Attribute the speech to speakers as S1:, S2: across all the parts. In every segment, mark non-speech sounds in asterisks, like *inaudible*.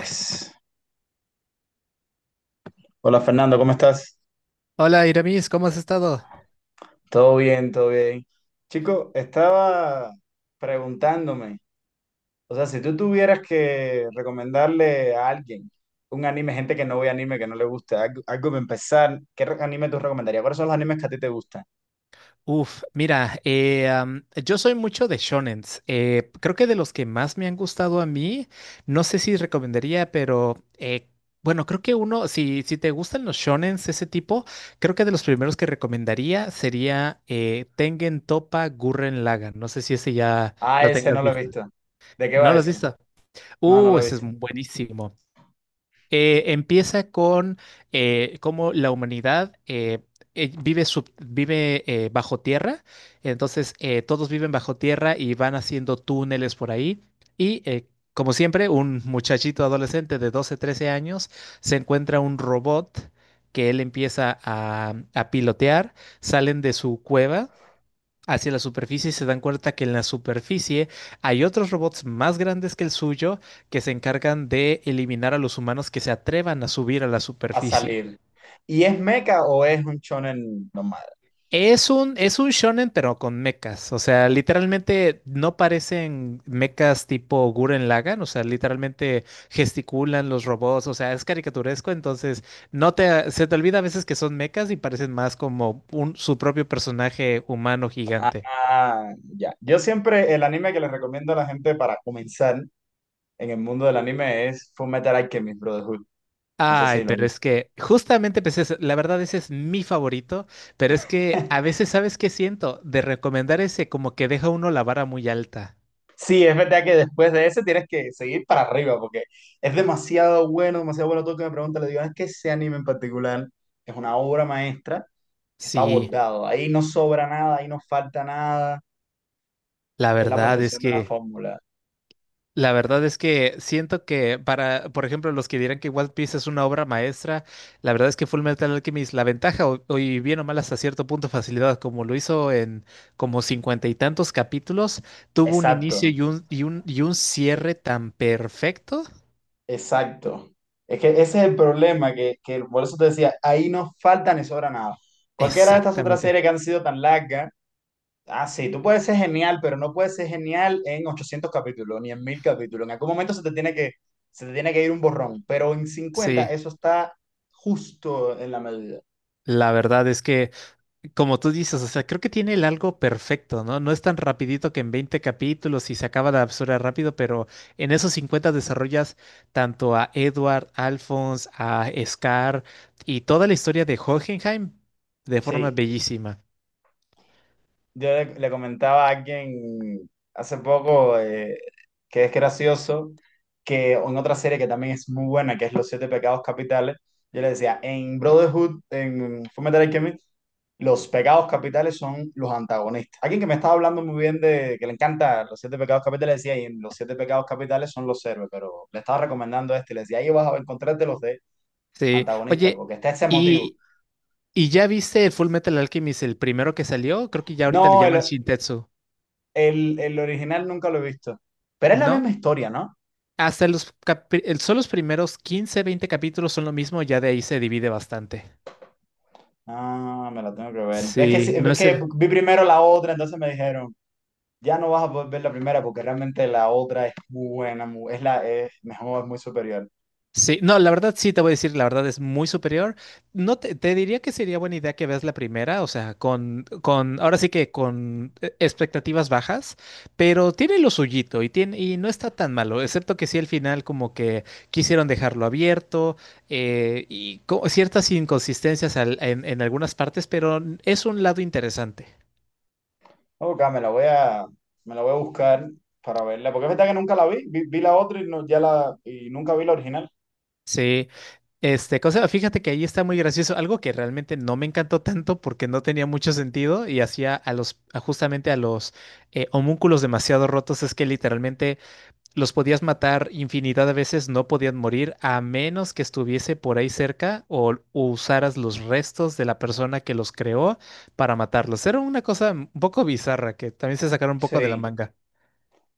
S1: Yes. Hola Fernando, ¿cómo estás?
S2: Hola Iramis, ¿cómo has estado?
S1: Todo bien, todo bien. Chico, estaba preguntándome, o sea, si tú tuvieras que recomendarle a alguien un anime, gente que no ve anime, que no le gusta, algo, algo para empezar, anime tú recomendarías? ¿Cuáles son los animes que a ti te gustan?
S2: Uf, mira, yo soy mucho de shonens. Creo que de los que más me han gustado a mí, no sé si recomendaría, pero bueno, creo que uno, si te gustan los shonens, ese tipo, creo que de los primeros que recomendaría sería Tengen Toppa Gurren Lagann. No sé si ese ya
S1: Ah,
S2: lo
S1: ese
S2: tengas
S1: no lo he
S2: visto.
S1: visto. ¿De qué
S2: ¿No
S1: va
S2: lo has
S1: ese?
S2: visto?
S1: No, no lo he
S2: Ese es
S1: visto.
S2: buenísimo. Empieza con cómo la humanidad vive, vive bajo tierra, entonces todos viven bajo tierra y van haciendo túneles por ahí y como siempre un muchachito adolescente de 12 13 años se encuentra un robot que él empieza a pilotear, salen de su cueva hacia la superficie y se dan cuenta que en la superficie hay otros robots más grandes que el suyo que se encargan de eliminar a los humanos que se atrevan a subir a la
S1: A
S2: superficie.
S1: salir. ¿Y es mecha o es un shonen normal?
S2: Es un shonen, pero con mechas. O sea, literalmente no parecen mechas tipo Guren Lagann. O sea, literalmente gesticulan los robots. O sea, es caricaturesco. Entonces, no te, se te olvida a veces que son mechas y parecen más como un, su propio personaje humano gigante.
S1: Ah, ya. Yo siempre el anime que les recomiendo a la gente para comenzar en el mundo del anime es Fullmetal Alchemist Brotherhood. No sé
S2: Ay,
S1: si lo
S2: pero
S1: vi.
S2: es que justamente pues la verdad ese es mi favorito, pero es que a
S1: *laughs*
S2: veces, ¿sabes qué siento? De recomendar ese como que deja uno la vara muy alta.
S1: Sí, es verdad que después de ese tienes que seguir para arriba porque es demasiado bueno, demasiado bueno. Todo el que me pregunta, le digo, es que ese anime en particular es una obra maestra que está
S2: Sí,
S1: abordado. Ahí no sobra nada, ahí no falta nada.
S2: la
S1: Es la
S2: verdad es
S1: perfección de una
S2: que,
S1: fórmula.
S2: la verdad es que siento que para, por ejemplo, los que dirán que One Piece es una obra maestra, la verdad es que Full Metal Alchemist, la ventaja, o y bien o mal hasta cierto punto facilidad, como lo hizo en como 50 y tantos capítulos, tuvo un
S1: Exacto,
S2: inicio y un
S1: e-
S2: cierre tan perfecto.
S1: exacto. Es que ese es el problema, que por eso te decía, ahí no falta ni sobra nada. Cualquiera de estas otras
S2: Exactamente.
S1: series que han sido tan largas. Ah, sí, tú puedes ser genial, pero no puedes ser genial en 800 capítulos, ni en 1000 capítulos. En algún momento se te tiene que ir un borrón, pero en cincuenta
S2: Sí,
S1: eso está justo en la medida.
S2: la verdad es que, como tú dices, o sea, creo que tiene el algo perfecto, ¿no? No es tan rapidito que en 20 capítulos y se acaba la absurda rápido, pero en esos 50 desarrollas tanto a Edward, Alphonse, a Scar y toda la historia de Hohenheim de forma
S1: Sí.
S2: bellísima.
S1: Yo le comentaba a alguien hace poco que es gracioso que en otra serie que también es muy buena, que es Los Siete Pecados Capitales, yo le decía, en Brotherhood, en Fullmetal Alchemist, los pecados capitales son los antagonistas. Alguien que me estaba hablando muy bien de que le encanta Los Siete Pecados Capitales, decía, y en Los Siete Pecados Capitales son los héroes, pero le estaba recomendando este, y le decía, ahí vas a encontrarte los de
S2: Sí,
S1: antagonistas,
S2: oye,
S1: porque está ese motivo.
S2: y, y ya viste Full Metal Alchemist, el primero que salió, creo que ya ahorita le
S1: No,
S2: llaman
S1: el,
S2: Shintetsu,
S1: el, el original nunca lo he visto, pero es la
S2: ¿no?
S1: misma historia, ¿no?
S2: Hasta los, son los primeros 15 20 capítulos son lo mismo, ya de ahí se divide bastante.
S1: Ah, me la tengo que ver. Es que,
S2: Sí,
S1: sí,
S2: no
S1: es
S2: es
S1: que
S2: el...
S1: vi primero la otra, entonces me dijeron, ya no vas a poder ver la primera porque realmente la otra es muy buena, es la es mejor, es muy superior.
S2: Sí, no, la verdad sí te voy a decir, la verdad es muy superior. No te, te diría que sería buena idea que veas la primera, o sea, ahora sí que con expectativas bajas, pero tiene lo suyito y tiene, y no está tan malo, excepto que sí al final como que quisieron dejarlo abierto, ciertas inconsistencias en algunas partes, pero es un lado interesante.
S1: Ok, me la voy a buscar para verla, porque es verdad que nunca la vi, vi la otra y, no, ya la, y nunca vi la original.
S2: Sí, este, cosa, fíjate que ahí está muy gracioso, algo que realmente no me encantó tanto porque no tenía mucho sentido y hacía a los, a justamente a los homúnculos demasiado rotos, es que literalmente los podías matar infinidad de veces, no podían morir a menos que estuviese por ahí cerca o usaras los restos de la persona que los creó para matarlos. Era una cosa un poco bizarra que también se sacaron un poco de la
S1: Sí,
S2: manga.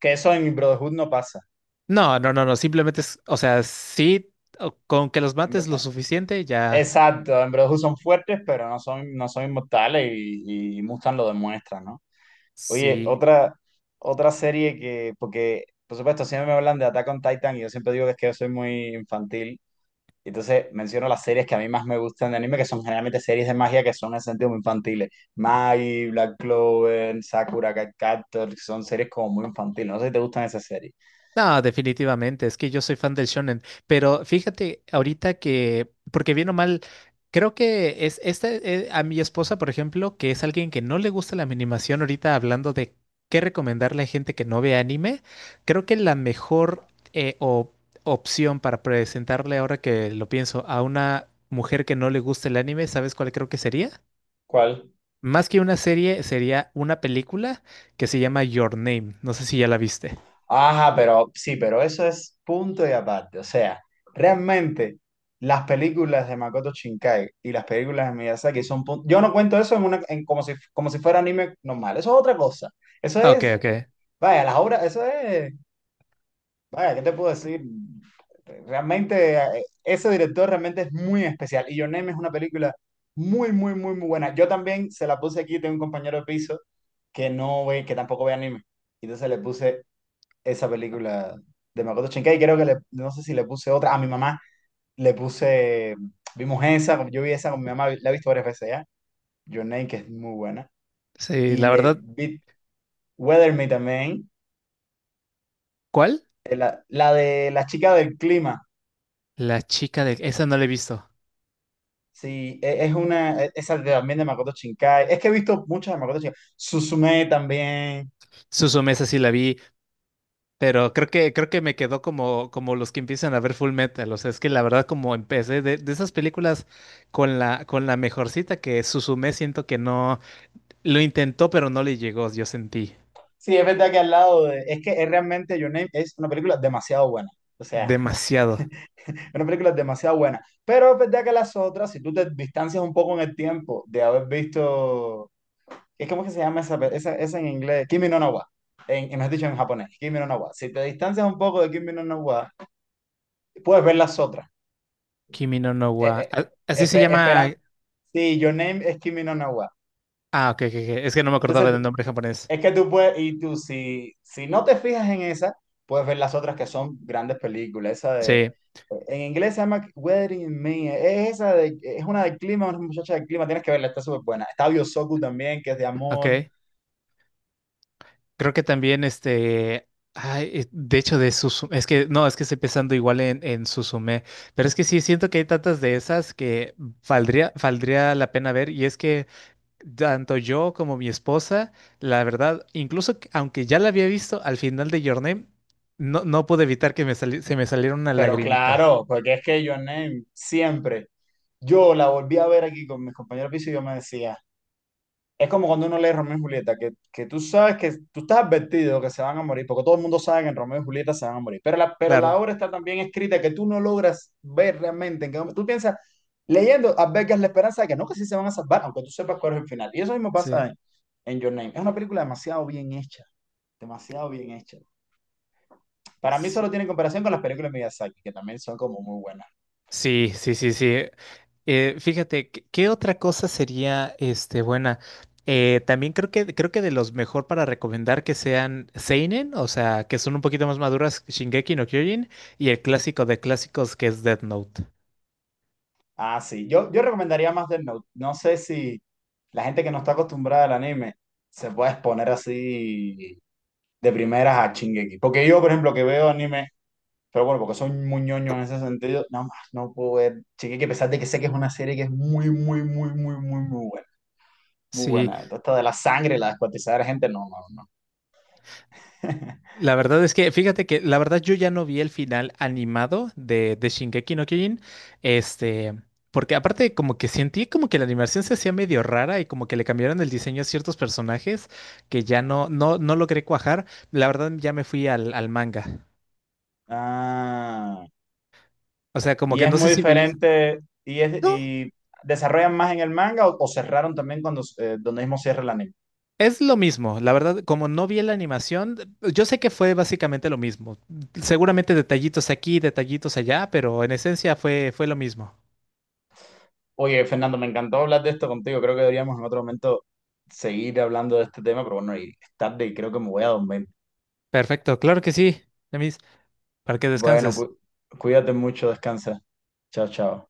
S1: que eso en Brotherhood no pasa.
S2: No, no, no, no, simplemente es, o sea, sí, con que los
S1: En Bro-
S2: mates lo
S1: eh,
S2: suficiente ya.
S1: Exacto, en Brotherhood son fuertes, pero no son, no son inmortales y Mustang lo demuestra, ¿no? Oye,
S2: Sí,
S1: otra, otra serie que, porque por supuesto siempre me hablan de Attack on Titan y yo siempre digo que es que yo soy muy infantil. Y entonces menciono las series que a mí más me gustan de anime, que son generalmente series de magia que son en el sentido muy infantiles. Mai, Black Clover, Sakura Card Captor, son series como muy infantiles. No sé si te gustan esas series.
S2: no, definitivamente, es que yo soy fan del shonen, pero fíjate ahorita que, porque bien o mal, creo que es esta, a mi esposa, por ejemplo, que es alguien que no le gusta la animación, ahorita hablando de qué recomendarle a gente que no ve anime, creo que la mejor eh, o- opción para presentarle ahora que lo pienso a una mujer que no le gusta el anime, ¿sabes cuál creo que sería?
S1: ¿Cuál?
S2: Más que una serie, sería una película que se llama Your Name, no sé si ya la viste.
S1: Ajá, pero sí, pero eso es punto y aparte. O sea, realmente las películas de Makoto Shinkai y las películas de Miyazaki son punto. Yo no cuento eso en una, en como si fuera anime normal. Eso es otra cosa. Eso
S2: Ok,
S1: es,
S2: ok.
S1: vaya, las obras, eso es, vaya, ¿qué te puedo decir? Realmente, ese director realmente es muy especial. Y Your Name es una película muy, muy, muy, muy buena. Yo también se la puse aquí, tengo un compañero de piso que tampoco ve anime. Entonces le puse esa película de Makoto Shinkai. Creo que le, no sé si le puse otra. A mi mamá le puse, vimos esa, yo vi esa con mi mamá, la he visto varias veces ya. Your Name, que es muy buena.
S2: Sí,
S1: Y
S2: la
S1: le
S2: verdad.
S1: vi Weather Me también.
S2: ¿Cuál?
S1: La, la de la chica del clima.
S2: La chica de... Esa no la he visto.
S1: Sí, es una, esa también de Makoto Shinkai. Es que he visto muchas de Makoto Shinkai. Suzume también.
S2: Suzume, esa sí la vi, pero creo que me quedó como, como los que empiezan a ver Full Metal. O sea, es que la verdad, como empecé de esas películas con la mejorcita que Suzume, siento que no... Lo intentó, pero no le llegó, yo sentí.
S1: Sí, es verdad que al lado de, es que es realmente Your Name es una película demasiado buena. O sea,
S2: Demasiado.
S1: una película demasiado buena. Pero es verdad que las otras, si tú te distancias un poco en el tiempo de haber visto. ¿Es como que se llama esa, esa en inglés? Kimi no na wa. Mejor dicho, en japonés. Kimi no na wa. Si te distancias un poco de Kimi no na wa, puedes ver las otras.
S2: Kimi no no
S1: Eh,
S2: wa... a- así se
S1: esperan.
S2: llama...
S1: Sí, Your Name es Kimi no na wa.
S2: Ah, ok, ok, ok. Es que no me
S1: Entonces,
S2: acordaba del nombre japonés.
S1: es que tú puedes, y tú si, si no te fijas en esa, puedes ver las otras que son grandes películas. Esa de,
S2: Sí,
S1: en inglés se llama Weathering in Me, es esa de, es una del clima, una muchacha del clima, tienes que verla, está súper buena. Está Biosoku también, que es de
S2: ok.
S1: amor,
S2: Creo que también este, ay, de hecho de Suzume, es que no, es que estoy pensando igual en Suzume, pero es que sí siento que hay tantas de esas que valdría, valdría la pena ver y es que tanto yo como mi esposa, la verdad, incluso aunque ya la había visto al final de Your Name, no, no pude evitar que me se me saliera una
S1: pero
S2: lagrimita.
S1: claro, porque es que Your Name siempre, yo la volví a ver aquí con mis compañeros de piso y yo me decía, es como cuando uno lee Romeo y Julieta, que tú sabes que tú estás advertido que se van a morir, porque todo el mundo sabe que en Romeo y Julieta se van a morir. Pero
S2: Claro,
S1: la obra está tan bien escrita que tú no logras ver realmente en qué momento. Tú piensas, leyendo, albergas la esperanza de que no, que sí se van a salvar, aunque tú sepas cuál es el final. Y eso mismo
S2: sí.
S1: pasa en Your Name. Es una película demasiado bien hecha, demasiado bien hecha. Para mí solo
S2: Sí,
S1: tiene comparación con las películas de Miyazaki, que también son como muy buenas.
S2: sí, sí, sí, sí. Fíjate, ¿qué otra cosa sería este buena? También creo que de los mejor para recomendar que sean seinen, o sea, que son un poquito más maduras, Shingeki no Kyojin, y el clásico de clásicos que es Death Note.
S1: Ah, sí. Yo recomendaría más Death Note. No sé si la gente que no está acostumbrada al anime se puede exponer así de primeras a Shingeki. Porque yo, por ejemplo, que veo anime, pero bueno, porque soy muy ñoño en ese sentido, no puedo ver Shingeki, a pesar de que sé que es una serie que es muy, muy, muy, muy, muy, muy buena. Muy
S2: Sí,
S1: buena. Todo esto de la sangre, la descuartizada de la gente, no, no, no. *laughs*
S2: la verdad es que, fíjate que, la verdad yo ya no vi el final animado de Shingeki no Kyojin, este, porque aparte como que sentí como que la animación se hacía medio rara y como que le cambiaron el diseño a ciertos personajes que ya no logré cuajar. La verdad ya me fui al manga.
S1: Ah,
S2: O sea, como
S1: y
S2: que
S1: es
S2: no
S1: muy
S2: sé si veías...
S1: diferente, y es,
S2: No,
S1: y desarrollan más en el manga o cerraron también cuando donde mismo cierra el anime.
S2: es lo mismo. La verdad, como no vi la animación, yo sé que fue básicamente lo mismo. Seguramente detallitos aquí, detallitos allá, pero en esencia fue lo mismo.
S1: Oye, Fernando, me encantó hablar de esto contigo. Creo que deberíamos en otro momento seguir hablando de este tema, pero bueno, y es tarde y creo que me voy a dormir.
S2: Perfecto, claro que sí. Demis. Para que
S1: Bueno,
S2: descanses.
S1: cuídate mucho, descansa. Chao, chao.